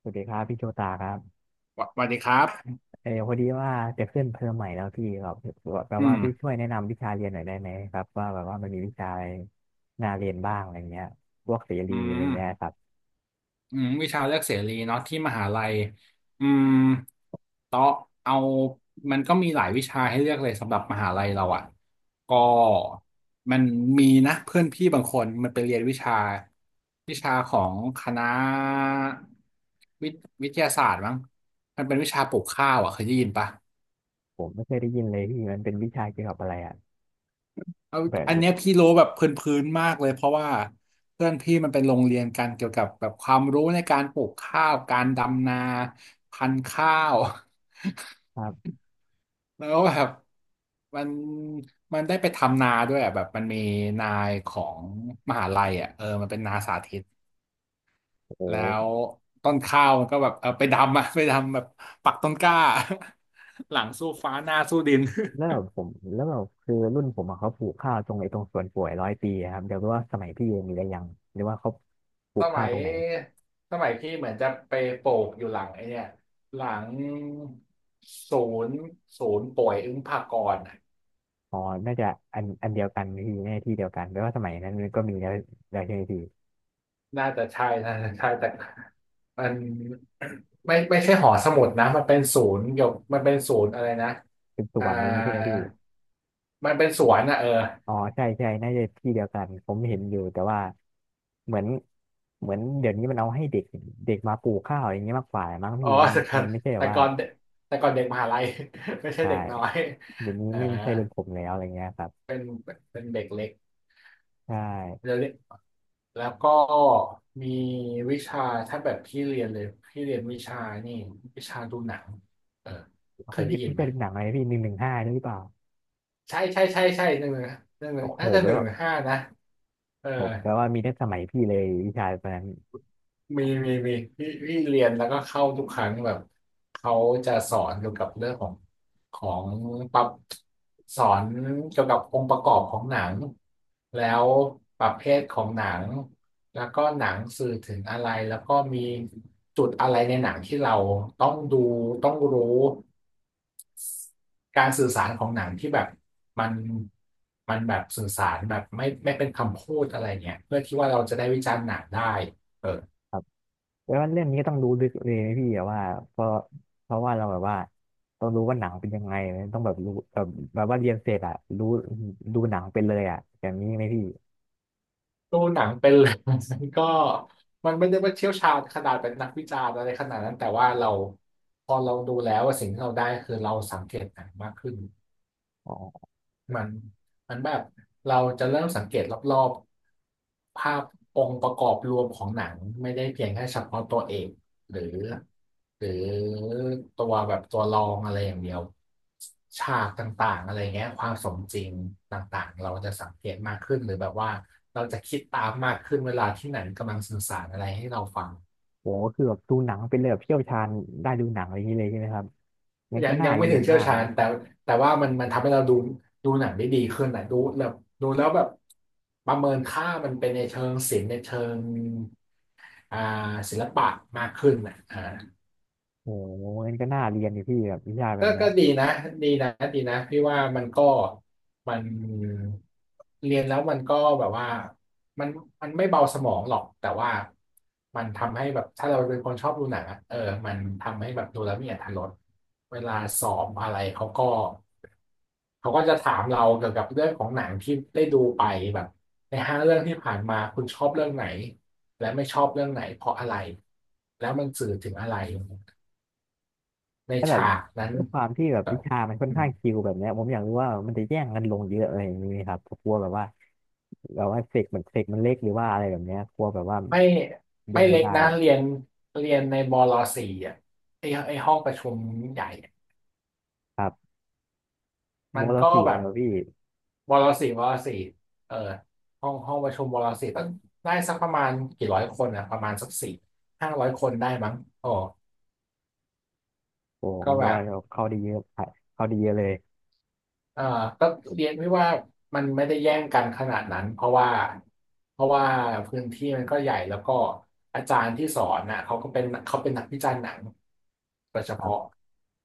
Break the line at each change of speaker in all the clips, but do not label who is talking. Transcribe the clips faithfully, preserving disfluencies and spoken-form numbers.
สวัสดีครับพี่โชตาครับ
สวสวัสดีครับ
เออพอดีว่าจะขึ้นเทอมใหม่แล้วพี่ครับแปล
อื
ว่า
ม
พี่ช่วยแนะนำวิชาเรียนหน่อยได้ไหมครับว่าแบบว่ามันมีวิชาอะไรน่าเรียนบ้างอะไรเงี้ยพวกเสรี
อื
อะไร
ม
เงี้ยครับ
อืมวิชาเลือกเสรีเนาะที่มหาลัยอืมต่อเอามันก็มีหลายวิชาให้เลือกเลยสำหรับมหาลัยเราอ่ะ ก็มันมีนะเพื่อนพี่บางคนมันไปเรียนวิชาวิชาของคณะวิทวิทยาศาสตร์มั้งมันเป็นวิชาปลูกข้าวอ่ะเคยได้ยินปะ
ผมไม่เคยได้ยินเลยพี่มันเป็นวิชาเกี่ยวกับอะไรอ่ะ
เอาอัน
แบบ
เนี้ยพี่รู้แบบพื้นๆมากเลยเพราะว่าเพื่อนพี่มันเป็นโรงเรียนกันเกี่ยวกับแบบความรู้ในการปลูกข้าวการดำนาพันธุ์ข้าว
ครับ
แล้วแบบมันมันได้ไปทำนาด้วยอ่ะแบบมันมีนายของมหาลัยอ่ะเออมันเป็นนาสาธิต
โอ้โห
แล้วต้นข้าวมันก็แบบเออไปดำอะไปดำแบบปักต้นกล้า หลังสู้ฟ้าหน้าสู้ดิน
แล้วแบบผมแล้วแบบคือรุ่นผมอะเขาปลูกข้าวตรงไอ้ตรงสวนป่วยร้อยปีอะครับเดี๋ยวรู้ว่าสมัยพี่มีหรืยังหรือว่าเขาปลู
ส
กข้า
มั
ว
ย
ตรงไหน
สมัยพี่เหมือนจะไปโปกอยู่หลังไอ้เนี่ยหลังศูนย์ศูนย์ป่วยอึ้งภากรน่ะ
อ๋อน่าจะอันอันเดียวกันพี่แน่ที่เดียวกันแปลว่าสมัยนั้นมันก็มีแล้วแล้วใช่ไหมพี่
น่าจะใช่น่าจะใช่แต่มันไม่ไม่ใช่หอสมุดนะมันเป็นศูนย์เกี่ยวมันเป็นศูนย์อะไรนะ
สืบส
อ่า
วนอะไรอ่งนี้ใช่ไหมพี่
มันเป็นสวนนะเออ
อ๋อใช่ใช่น่าจะที่เดียวกัน ผมเห็นอยู่แต่ว่าเหมือนเหมือนเดี๋ยวนี้มันเอาให้เด็กเด็กมาปลูกข้าวอย่างเงี้ยมากกว่ามั้ง
อ๋
พี่
อ
มัน
แต่ก่อ
มั
น
นไม่ใช่แบบ
แต่
ว่า
ก่อนเด็กแต่ก่อนเด็กมหาลัย ไม่ใช่
ใช่
เด็กน้อย
เดี๋ยวนี้
เอ่า
ไม่ใช่เรื่องผมแล้วอะไรเงี้ยครับ
เป็นเป็นเด็กเล็ก
ใช่
เดี๋ยวนี้ แล้วก็มีวิชาถ้าแบบพี่เรียนเลยพี่เรียนวิชานี่วิชาดูหนังเออเคยได้
พี่
ยิน
พี่
ไหม
จะดูหนังอะไรพี่หนึ่งหนึ่งห้าใช่หรือเปล่า
ใช่ใช่ใช่ใช่หนึ่งหนึ่งหนึ่งหนึ่
โอ้
ง
โห
น่าจะห
แล้ว
นึ่งหนึ่ง
แ
ห้านะเออ
โอ้โหแปลว่ามีตั้งสมัยพี่เลยวิชาตอนนั้น
มีมีมีพี่พี่เรียนแล้วก็เข้าทุกครั้งแบบเขาจะสอนเกี่ยวกับเรื่องของของปรับสอนเกี่ยวกับองค์ประกอบของหนังแล้วประเภทของหนังแล้วก็หนังสื่อถึงอะไรแล้วก็มีจุดอะไรในหนังที่เราต้องดูต้องรู้การสื่อสารของหนังที่แบบมันมันแบบสื่อสารแบบไม่ไม่เป็นคำพูดอะไรเงี้ยเพื่อที่ว่าเราจะได้วิจารณ์หนังได้
แล้วเรื่องนี้ก็ต้องรู้ลึกเลยนะพี่อะว่าเพราะเพราะว่าเราแบบว่าต้องรู้ว่าหนังเป็นยังไงนะต้องแบบรู้แบบแบบว่าเรียนเสร็จอะรู้ดูหนังเป็นเลยอะอย่างนี้ไหมพี่
ดูหนังเป็นเลย มันก็มันไม่ได้ว่าเชี่ยวชาญขนาดเป็นนักวิจารณ์อะไรขนาดนั้นแต่ว่าเราพอเราดูแล้วว่าสิ่งที่เราได้คือเราสังเกตหนังมากขึ้น
อ๋อ
มันมันแบบเราจะเริ่มสังเกตรอบๆภาพองค์ประกอบรวมของหนังไม่ได้เพียงแค่เฉพาะตัวเอกหรือหรือตัวแบบตัวรองอะไรอย่างเดียวฉากต่างๆอะไรเงี้ยความสมจริงต่างๆเราจะสังเกตมากขึ้นหรือแบบว่าเราจะคิดตามมากขึ้นเวลาที่หนังกำลังสื่อสารอะไรให้เราฟัง
โหคือแบบดูหนังเป็นเลยแบบเชี่ยวชาญได้ดูหนังอะไรอย่างนี้เลยใช่ไหมครับงั้น
ยั
ก็
งยั
น่า
งไม่
เรีย
ถึง
น
เชี่ยว
มาก
ชาญ
นี่
แต่แต่ว่ามันมันทำให้เราดูดูหนังได้ดีขึ้นนะดูแบบดูแล้วแบบประเมินค่ามันเป็นในเชิงศิลป์ในเชิงอ่าศิลปะมากขึ้นนะอ่า
โอ้โหงั้นก็น่าเรียนดิพี่แบบวิชาแบ
ก็
บเนี้ย
ก็ดีนะดีนะดีนะพี่ว่ามันก็มันเรียนแล้วมันก็แบบว่ามันมันไม่เบาสมองหรอกแต่ว่ามันทำให้แบบถ้าเราเป็นคนชอบดูหนังอะเออมันทำให้แบบดูแล้วมีอรรถรสเวลาสอบอะไรเขาก็ เขาก็จะถามเราเกี่ยวกับเรื่องของหนังที่ได้ดูไปแบบในห้าเรื่องที่ผ่านมาคุณชอบเรื่องไหนและไม่ชอบเรื่องไหนเพราะอะไรแล้วมันสื่อถึงอะไรใน
แ้าแบบ
ฉากนั้น
ด้วยความที่แบบ
แบ
วิ
บ
ชามันค่อน
อืม
ข้างชิลแบบเนี้ยผมอยากรู้ว่ามันจะแย่งกันลงเยอะอะไรอย่างนี้ไหมครับกลัวแบบว่าแบบว่าเสกมันเสกมันเล็กหรือว่าอะไรแบบเนี้ยกลัวแบบว่า
ไม่
ล
ไม่
งไม่
เล็ก
ได้
นะเรียนเรียนในบลสี่อ่ะไอไอห้องประชุมใหญ่อะ
ครับโม
มัน
เรา
ก็
สี่
แบ
เลย
บ
เหรอพี่
บลสี่บลสี่เออห้องห้องประชุมบลสี่ต้องได้สักประมาณกี่ร้อยคนอ่ะประมาณสักสี่ห้าร้อยคนได้มั้งอ๋อ
โอ้ผ
ก็
มก็
แบบ
ว่าเราเข้าได้เยอะเข้าได้เยอะเลย
อ่าก็เรียนไม่ว่ามันไม่ได้แย่งกันขนาดนั้นเพราะว่าเพราะว่าพื้นที่มันก็ใหญ่แล้วก็อาจารย์ที่สอนน่ะเขาก็เป็นเขาเป็นนักวิจารณ์หนังโดยเฉ
ครั
พาะ
บ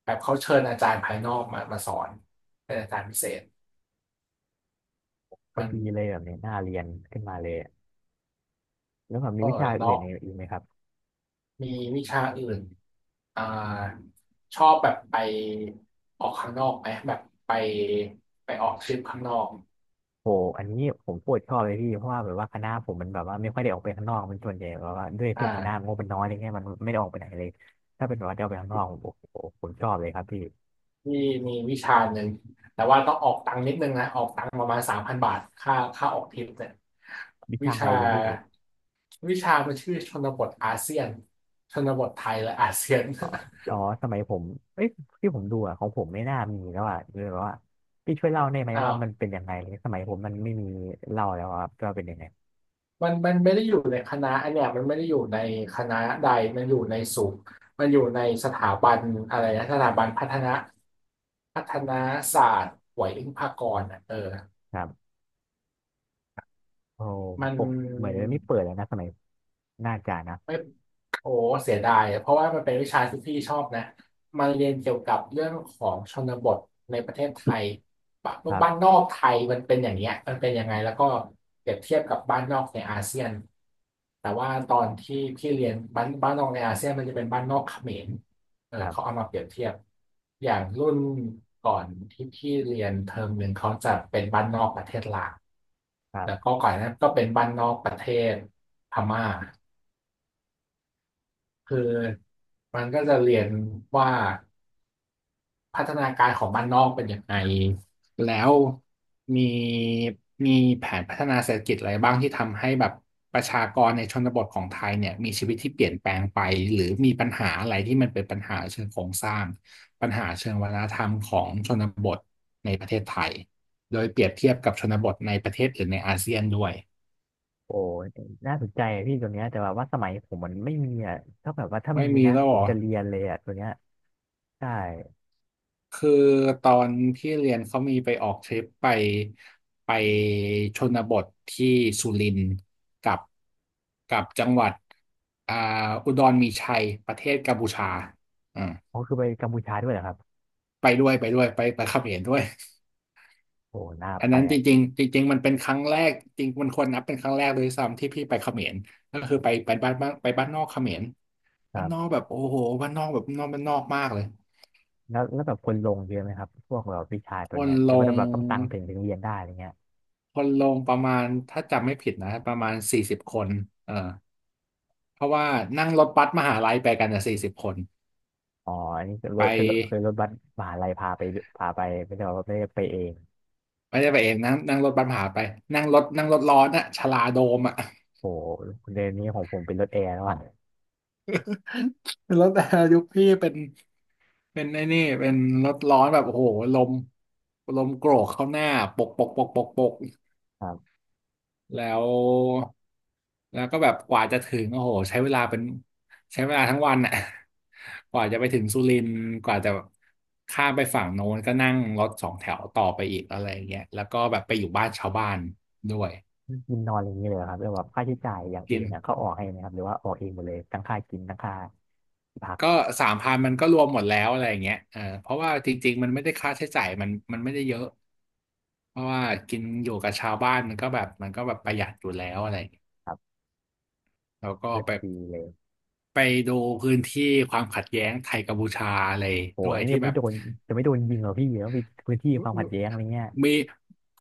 แบบเขาเชิญอาจารย์ภายนอกมามาสอนเป็นอาจารย์พิเศษ
ก็
มัน
ดีเลยแบบเนี้ยน่าเรียนขึ้นมาเลยแล้วแบบมี
ก็
วิชาอื่น
เลาะ
อีกไหมครับ
มีวิชาอื่นอ่าชอบแบบไปออกข้างนอกไหมแบบไปไปออกทริปข้างนอก
โหอันนี้ผมโคตรชอบเลยพี่เพราะว่าแบบว่าคณะผมมันแบบว่าไม่ค่อยได้ออกไปข้างนอกมันส่วนใหญ่แบบว่าด้วยที่คณะ
อ่า
งบมันน้อยอะไรเงี้ยมันไม่ได้ออกไปไหนเลยถ้าเป็นแบบว่าได้ออกไปข้างนอกโอ้โหผมชอบเลยครับพี่
ที่มีวิชาหนึ่งแต่ว่าต้องออกตังค์นิดนึงนะออกตังค์ประมาณสามพันบาทค่าค่าออกทริปเนี่ย
วิ
วิ
ชาอะไร
ชา
เนี่ยพี่
วิชามันชื่อชนบทอาเซียนชนบทไทยและอาเซียน
อ๋ออ๋อสมัยผมเอ้ยที่ผมดูอะของผมไม่น่ามีแล้วอะเลยแบบว่าพี่ช่วยเล่าได้ไหม
อ้า
ว่า
ว
มันเป็นยังไงเลยสมัยผมมันไม่มีเล่าแล้วครับว่าเป็นยังไง
มันมันไม่ได้อยู่ในคณะอันเนี้ยมันไม่ได้อยู่ในคณะใดมันอยู่ในสูงมันอยู่ในสถาบันอะไรนะสถาบันพัฒนาพัฒนาศาสตร์ไหวอิงพากรณ์อ่ะเออ
ครับโอ้
มัน
ผมเหมือนไม่เปิดแล้วนะสมัยน่าจะนะ
ไม่โอ้เสียดายเพราะว่ามันเป็นวิชาที่พี่ชอบนะมันเรียนเกี่ยวกับเรื่องของชนบทในประเทศไทยบ
ครั
บ้าน
บ
นอกไทยมันเป็นอย่างเงี้ยมันเป็นยังไงแล้วก็เปรียบเทียบกับบ้านนอกในอาเซียนแต่ว่าตอนที่พี่เรียนบ้านบ้านนอกในอาเซียนมันจะเป็นบ้านนอกเขมรเออ
ครั
เขา
บ
เอามาเปรียบเทียบอย่างรุ่นก่อนที่พี่เรียนเทอมหนึ่งเขาจะเป็นบ้านนอกประเทศลาว
ครั
แล้วก็
บ
ก่อนหนานั้นก็เป็นบ้านนอกประเทศพม่า คือมันก็จะเรียนว่าพัฒนาการของบ้านนอกเป็นยังไงแล้วมีมีแผนพัฒนาเศรษฐกิจอะไรบ้างที่ทำให้แบบประชากรในชนบทของไทยเนี่ยมีชีวิตที่เปลี่ยนแปลงไปหรือมีปัญหาอะไรที่มันเป็นปัญหาเชิงโครงสร้างปัญหาเชิงวัฒนธรรมของชนบทในประเทศไทยโดยเปรียบเทียบกับชนบทในประเทศอื่นในอาเซียนด้วย
โอ้น่าสนใจอะพี่ตัวเนี้ยแต่ว่าสมัยผมมันไม่มีอ่ะถ้าแบบว่าถ้า
ไม่
มี
มี
นะ
แล้ว
ผ
เหร
ม
อ
จะเรียนเลยอ่ะตัวเนี้ยใช่
คือตอนพี่เรียนเขามีไปออกทริปไปไปชนบทที่สุรินทร์กับกับจังหวัดอ่าอุดรมีชัยประเทศกัมพูชาอ่า
เขาคือไปกัมพูชาด้วยเหรอครับ
ไปด้วยไปด้วยไปไปเขมรด้วย
โอ้น่า
อัน
ไป
นั้นจ
อ่ะ
ริงๆจริงๆมันเป็นครั้งแรกจริงมันควรนับเป็นครั้งแรกเลยซ้ำที่พี่ไปเขมรก็คือไปไปบ้านบ้านไปบ้านนอกเขมร
ค
บ้า
รั
นนอก
บ
แบบโอ้โหบ้านนอกแบบนอกบ้านนอกมากเลย
แล้วแล้วแบบคนลงเยอะไหมครับพวกแบบวิชา
ค
ตัว
น
เนี้ยห
ล
รือว่าจะ
ง
แบบต้องตังถึงถึงเรียนได้อะไรเงี้ย
คนลงประมาณถ้าจำไม่ผิดนะประมาณสี่สิบคนเออเพราะว่านั่งรถบัสมหาลัยไปกันอ่ะสี่สิบคน
อ๋ออันนี้คือร
ไ
ถคือรถคือ
ป
รถบัสมหาลัยพาไปพาไปไม่ได้ว่าไม่ได้ไปเอง
ไม่ได้ไปเองนั่งนั่งรถบัสมหาไปนั่งรถนั่งรถร้อนอะชลาโดมอะ
โอ้เดือนนี้ของผมเป็นรถแอร์แล้วอ่ะ
เป็นรถยุคพี่เป็นเป็นไอ้นี่เป็นรถร้อนแบบโอ้โหลมลมโกรกเข้าหน้าปกปกปกปกปก
ครับ
แล้วแล้วก็แบบกว่าจะถึงโอ้โหใช้เวลาเป็นใช้เวลาทั้งวันอ่ะ กว่าจะไปถึงสุรินทร์กว่าจะข้ามไปฝั่งโน้นก็นั่งรถสองแถวต่อไปอีกอะไรอย่างเงี้ยแล้วก็แบบไปอยู่บ้านชาวบ้านด้วย
กินนอนอะไรอย่างเงี้ยเลยเหรอครับแล้วแบบค่าใช้จ่ายอย่าง
กิ
อื่
น
นนะเขาออกให้ไหมครับหรือว่าออกเองหมดเลยทั้งค่ากินทั้งค่าที่พัก
ก็สามพันมันก็รวมหมดแล้วอะไรอย่างเงี้ยเออเพราะว่าจริงๆมันไม่ได้ค่าใช้จ่ายมันมันไม่ได้เยอะเพราะว่ากินอยู่กับชาวบ้านมันก็แบบมันก็แบบประหยัดอยู่แล้วอะไรอย่างเงี้ยแล้วก็
ก็
ไป
ดีเลย
ไปดูพื้นที่ความขัดแย้งไทยกัมพูชาอะไร
โห
ด้วย
ไอ้เนี่
ที่
ย
แบ
ไม่
บ
โดนจะไม่โดนยิงเหรอพี่แล้วมีพื้นที่ความขัดแย้งอะไรเงี้ย
มี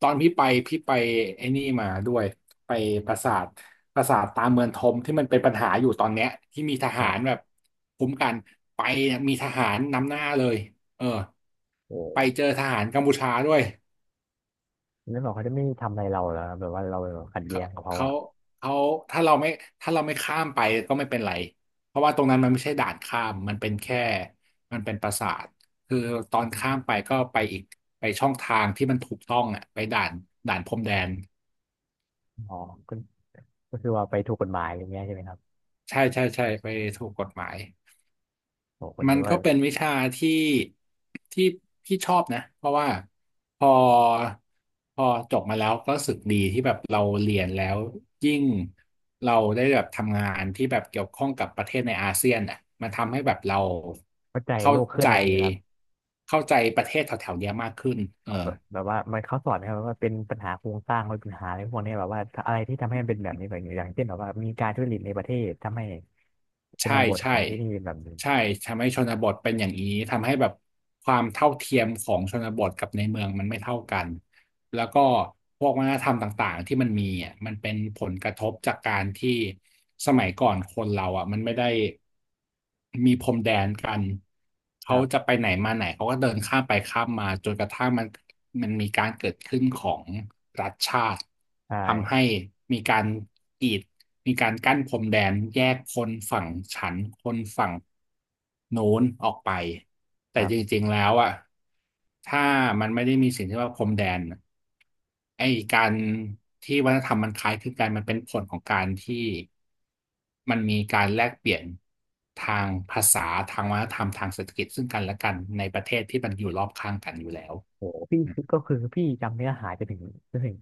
ตอนพี่ไปพี่ไปไอ้นี่มาด้วยไปปราสาทปราสาทตาเมืองทมที่มันเป็นปัญหาอยู่ตอนเนี้ยที่มีท
ค
หา
รั
รแบบ
บ
คุ้มกันไปเนี่ยมีทหารนำหน้าเลยเออ
โอ
ไปเจ
้
อทหารกัมพูชาด้วย
แล้วบอกเขาจะไม่ทำอะไรเราเหรอแบบว่าเราแบบขัดแย้
เขา
งกับเขา
เขา
อ่ะ
เขาถ้าเราไม่ถ้าเราไม่ข้ามไปก็ไม่เป็นไรเพราะว่าตรงนั้นมันไม่ใช่ด่านข้ามมันเป็นแค่มันเป็นปราสาทคือตอนข้ามไปก็ไปอีกไปช่องทางที่มันถูกต้องอ่ะไปด่านด่านพรมแดน
อ๋อก็ก็คือว่าไปถูกกฎหมายอะไรเงี้ยใช่ไหมครับ
ใช่ใช่ใช่ไปถูกกฎหมาย
โอ้คน
มั
นึ
น
กว่า
ก็เป็นวิชาที่ที่พี่ชอบนะเพราะว่าพอพอจบมาแล้วก็รู้สึกดีที่แบบเราเรียนแล้วยิ่งเราได้แบบทำงานที่แบบเกี่ยวข้องกับประเทศในอาเซียนอ่ะมันทำให้แบบเรา
เข้าใจ
เข้า
โลกเคลื่อน
ใจ
อะไรอย่างนี้นะครับ
เข้าใจประเทศแถวๆเนี้ยมากขึ้นเออ
แบบแบบว่ามันเขาสอนนะครับว่าเป็นปัญหาโครงสร้างมันเป็นปัญหาอะไรพวกเนี้ยแบบว่าอะไรที่ทำให้มันเป็นแบบนี้แบบนี้อย่างเช่นแบบว่ามีการทุจริตในประเทศทำให้ช
ใช่
นบทข
ใช่
องที่นี่เป็นแบบนี้
ใช่ทำให้ชนบทเป็นอย่างนี้ทำให้แบบความเท่าเทียมของชนบทกับในเมืองมันไม่เท่ากัน แล้วก็พวกวัฒนธรรมต่างๆที่มันมีอ่ะมันเป็นผลกระทบจากการที่สมัยก่อนคนเราอ่ะมันไม่ได้มีพรมแดนกัน
ค
เขา
รั
จะ
บ
ไปไหนมาไหนเขาก็เดินข้ามไปข้ามมาจนกระทั่งมันมันมีการเกิดขึ้นของรัฐชาติ
ใช
ทำให้
่
มีการกีดมีการกั้นพรมแดนแยกคนฝั่งฉันคนฝั่ง โน้นออกไป
ค
แต่
รั
จ
บ
ริงๆแล้วอ่ะถ้ามันไม่ได้มีสิ่งที่ว่าพรมแดนไอ้การที่วัฒนธรรมมันคล้ายคลึงกันมันเป็นผลของการที่มันมีการแลกเปลี่ยนทางภาษาทางวัฒนธรรมทางเศรษฐกิจซึ่งกันและกันในประเทศที่มันอยู่รอบข้างกันอยู่แล้ว
โอ้โหพี่คือก็คือพี่จำเนื้อหาจนถึงจนถึง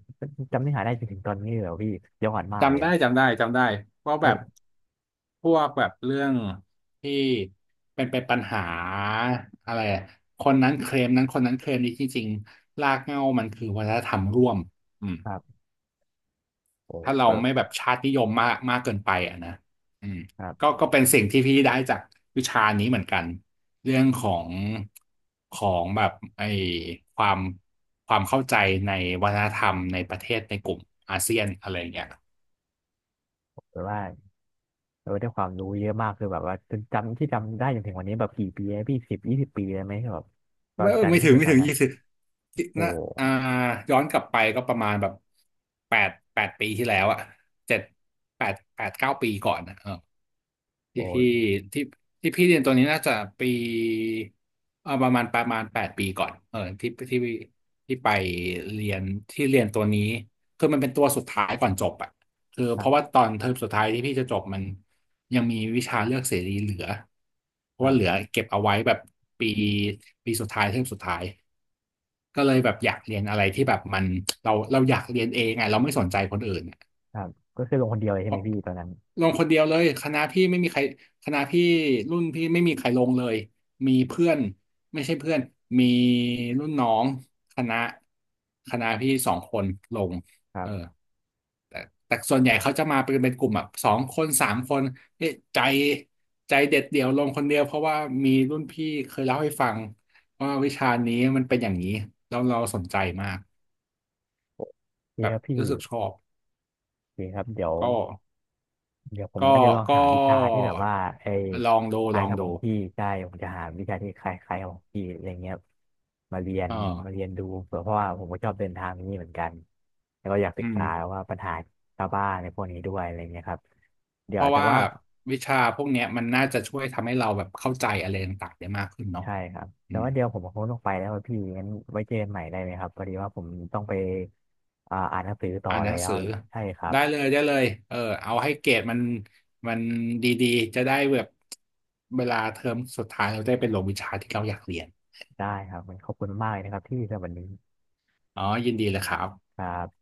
จำเนื้อหาได้จนถึงตอนนี้เลยเหรอพี่ย้อนมากเลย
จำได้
อะ
จำได้จำได้เพราะแบบ
เออ
พวกแบบเรื่องที่เป็นเป็นปัญหาอะไรอะคนนั้นเคลมนั้นคนนั้นเคลมนี้ที่จริงรากเหง้ามันคือวัฒนธรรมร่วมอืม
ครับโอ้
ถ้าเรา
แบบ
ไม่แบบชาตินิยมมากมากเกินไปอ่ะนะอืม
ครั
ก็
บ
ก็เป็นสิ่งที่พี่ได้จากวิชานี้เหมือนกันเรื่องของของแบบไอ้ความความเข้าใจในวัฒนธรรมในประเทศในกลุ่มอาเซียนอะไรอย่างเงี้ย
แบบว่าเออได้ความรู้เยอะมากคือแบบว่าจนจำที่จำได้จนถึงวันนี้แบบกี่ปีแลพี่สิบยี่สิบปีเลยไหมแบบตอ
ไม่
น
เออ
จาก
ไม่
ที่พี่
ถึง
เรียน
ไม่
ตอ
ถึ
น
ง
นั้น
ยี่สิบ
โอ้
นะอ่า
โห
ย้อนกลับไปก็ประมาณแบบแปดแปดปีที่แล้วอะเจ็ดแปดแปดเก้าปีก่อนนะ
โอ้
ที่พี่
ย
ที่ที่พี่เรียนตัวนี้น่าจะปีเอาประมาณประมาณแปดปีก่อนเออที่ที่ที่ไปเรียนที่เรียนตัวนี้คือมันเป็นตัวสุดท้ายก่อนจบอ่ะคือ
ค
เพ
รั
ราะว่า
บ
ตอนเทอมสุดท้ายที่พี่จะจบมันยังมีวิชาเลือกเสรีเหลือเพ
ค
ราะ
รั
ว่าเหลื
บ
อเก็บเอาไว้แบบปีปีสุดท้ายเทอมสุดท้ายก็เลยแบบอยากเรียนอะไรที่แบบมันเราเราอยากเรียนเองไงเราไม่สนใจคนอื่นอะ
ครับก็คือลงคนเดียวเลยใช่ไหมพี่ตอนนั้น
ลงคนเดียวเลยคณะพี่ไม่มีใครคณะพี่รุ่นพี่ไม่มีใครลงเลยมีเพื่อนไม่ใช่เพื่อนมีรุ่นน้องคณะคณะพี่สองคนลง
ครั
เออ
บ
แต่แต่ส่วนใหญ่เขาจะมาเป็นเป็นกลุ่มแบบสองคนสามคนเอ๊ะใจใจเด็ดเดี่ยวลงคนเดียวเพราะว่ามีรุ่นพี่เคยเล่าให้ฟังว่าวิชานี้มันเป็นอย่างนี้แล้วเราสนใจมาก
โอเค
แบ
ค
บ
รับพี่
รู้สึกชอบ
โอเคครับเดี๋ยว
ก็
เดี๋ยวผม
ก็
ว่าจะลองหา
ก็
วิชาที่แบบว่าไอ้
ลองดู
คล้า
ล
ย
อง
กับขอ
ดู
งพี่ใช่ผมจะหาวิชาที่คล้ายๆกับของพี่อะไรเงี้ยมาเรียน
เอ
มาเรี
อ
ยนดูเผื่อเพราะว่าผมก็ชอบเดินทางนี้เหมือนกันแล้วก็อยากศึ
อื
ก
ม
ษาว่าปัญหาชาวบ้านในพวกนี้ด้วยอะไรเงี้ยครับเดี๋
เพ
ยว
ราะ
แต่
ว่า
ว่า
วิชาพวกเนี้ยมันน่าจะช่วยทำให้เราแบบเข้าใจอะไรต่างๆได้มากขึ้นเนาะ
ใช่ครับ
อื
แต่
ม
ว่าเดี๋ยวผมคงต้องไปแล้วอะพี่งั้นไว้เจอกันใหม่ได้ไหมครับพอดีว่าผมต้องไปอ่าอ่านหนังสือต่อ
อ่านหนั
แล้
ง
ว
สือ
ใช่ครับ
ได้เลยได้เลยเออเอาให้เกรดมันมันดีๆจะได้แบบเวลาเทอมสุดท้ายเราได้ไปลงวิชาที่เราอยากเรียน
ได้ครับมันขอบคุณมากเลยนะครับที่สำหรับวันนี้
อ๋อยินดีเลยครับ
ครับ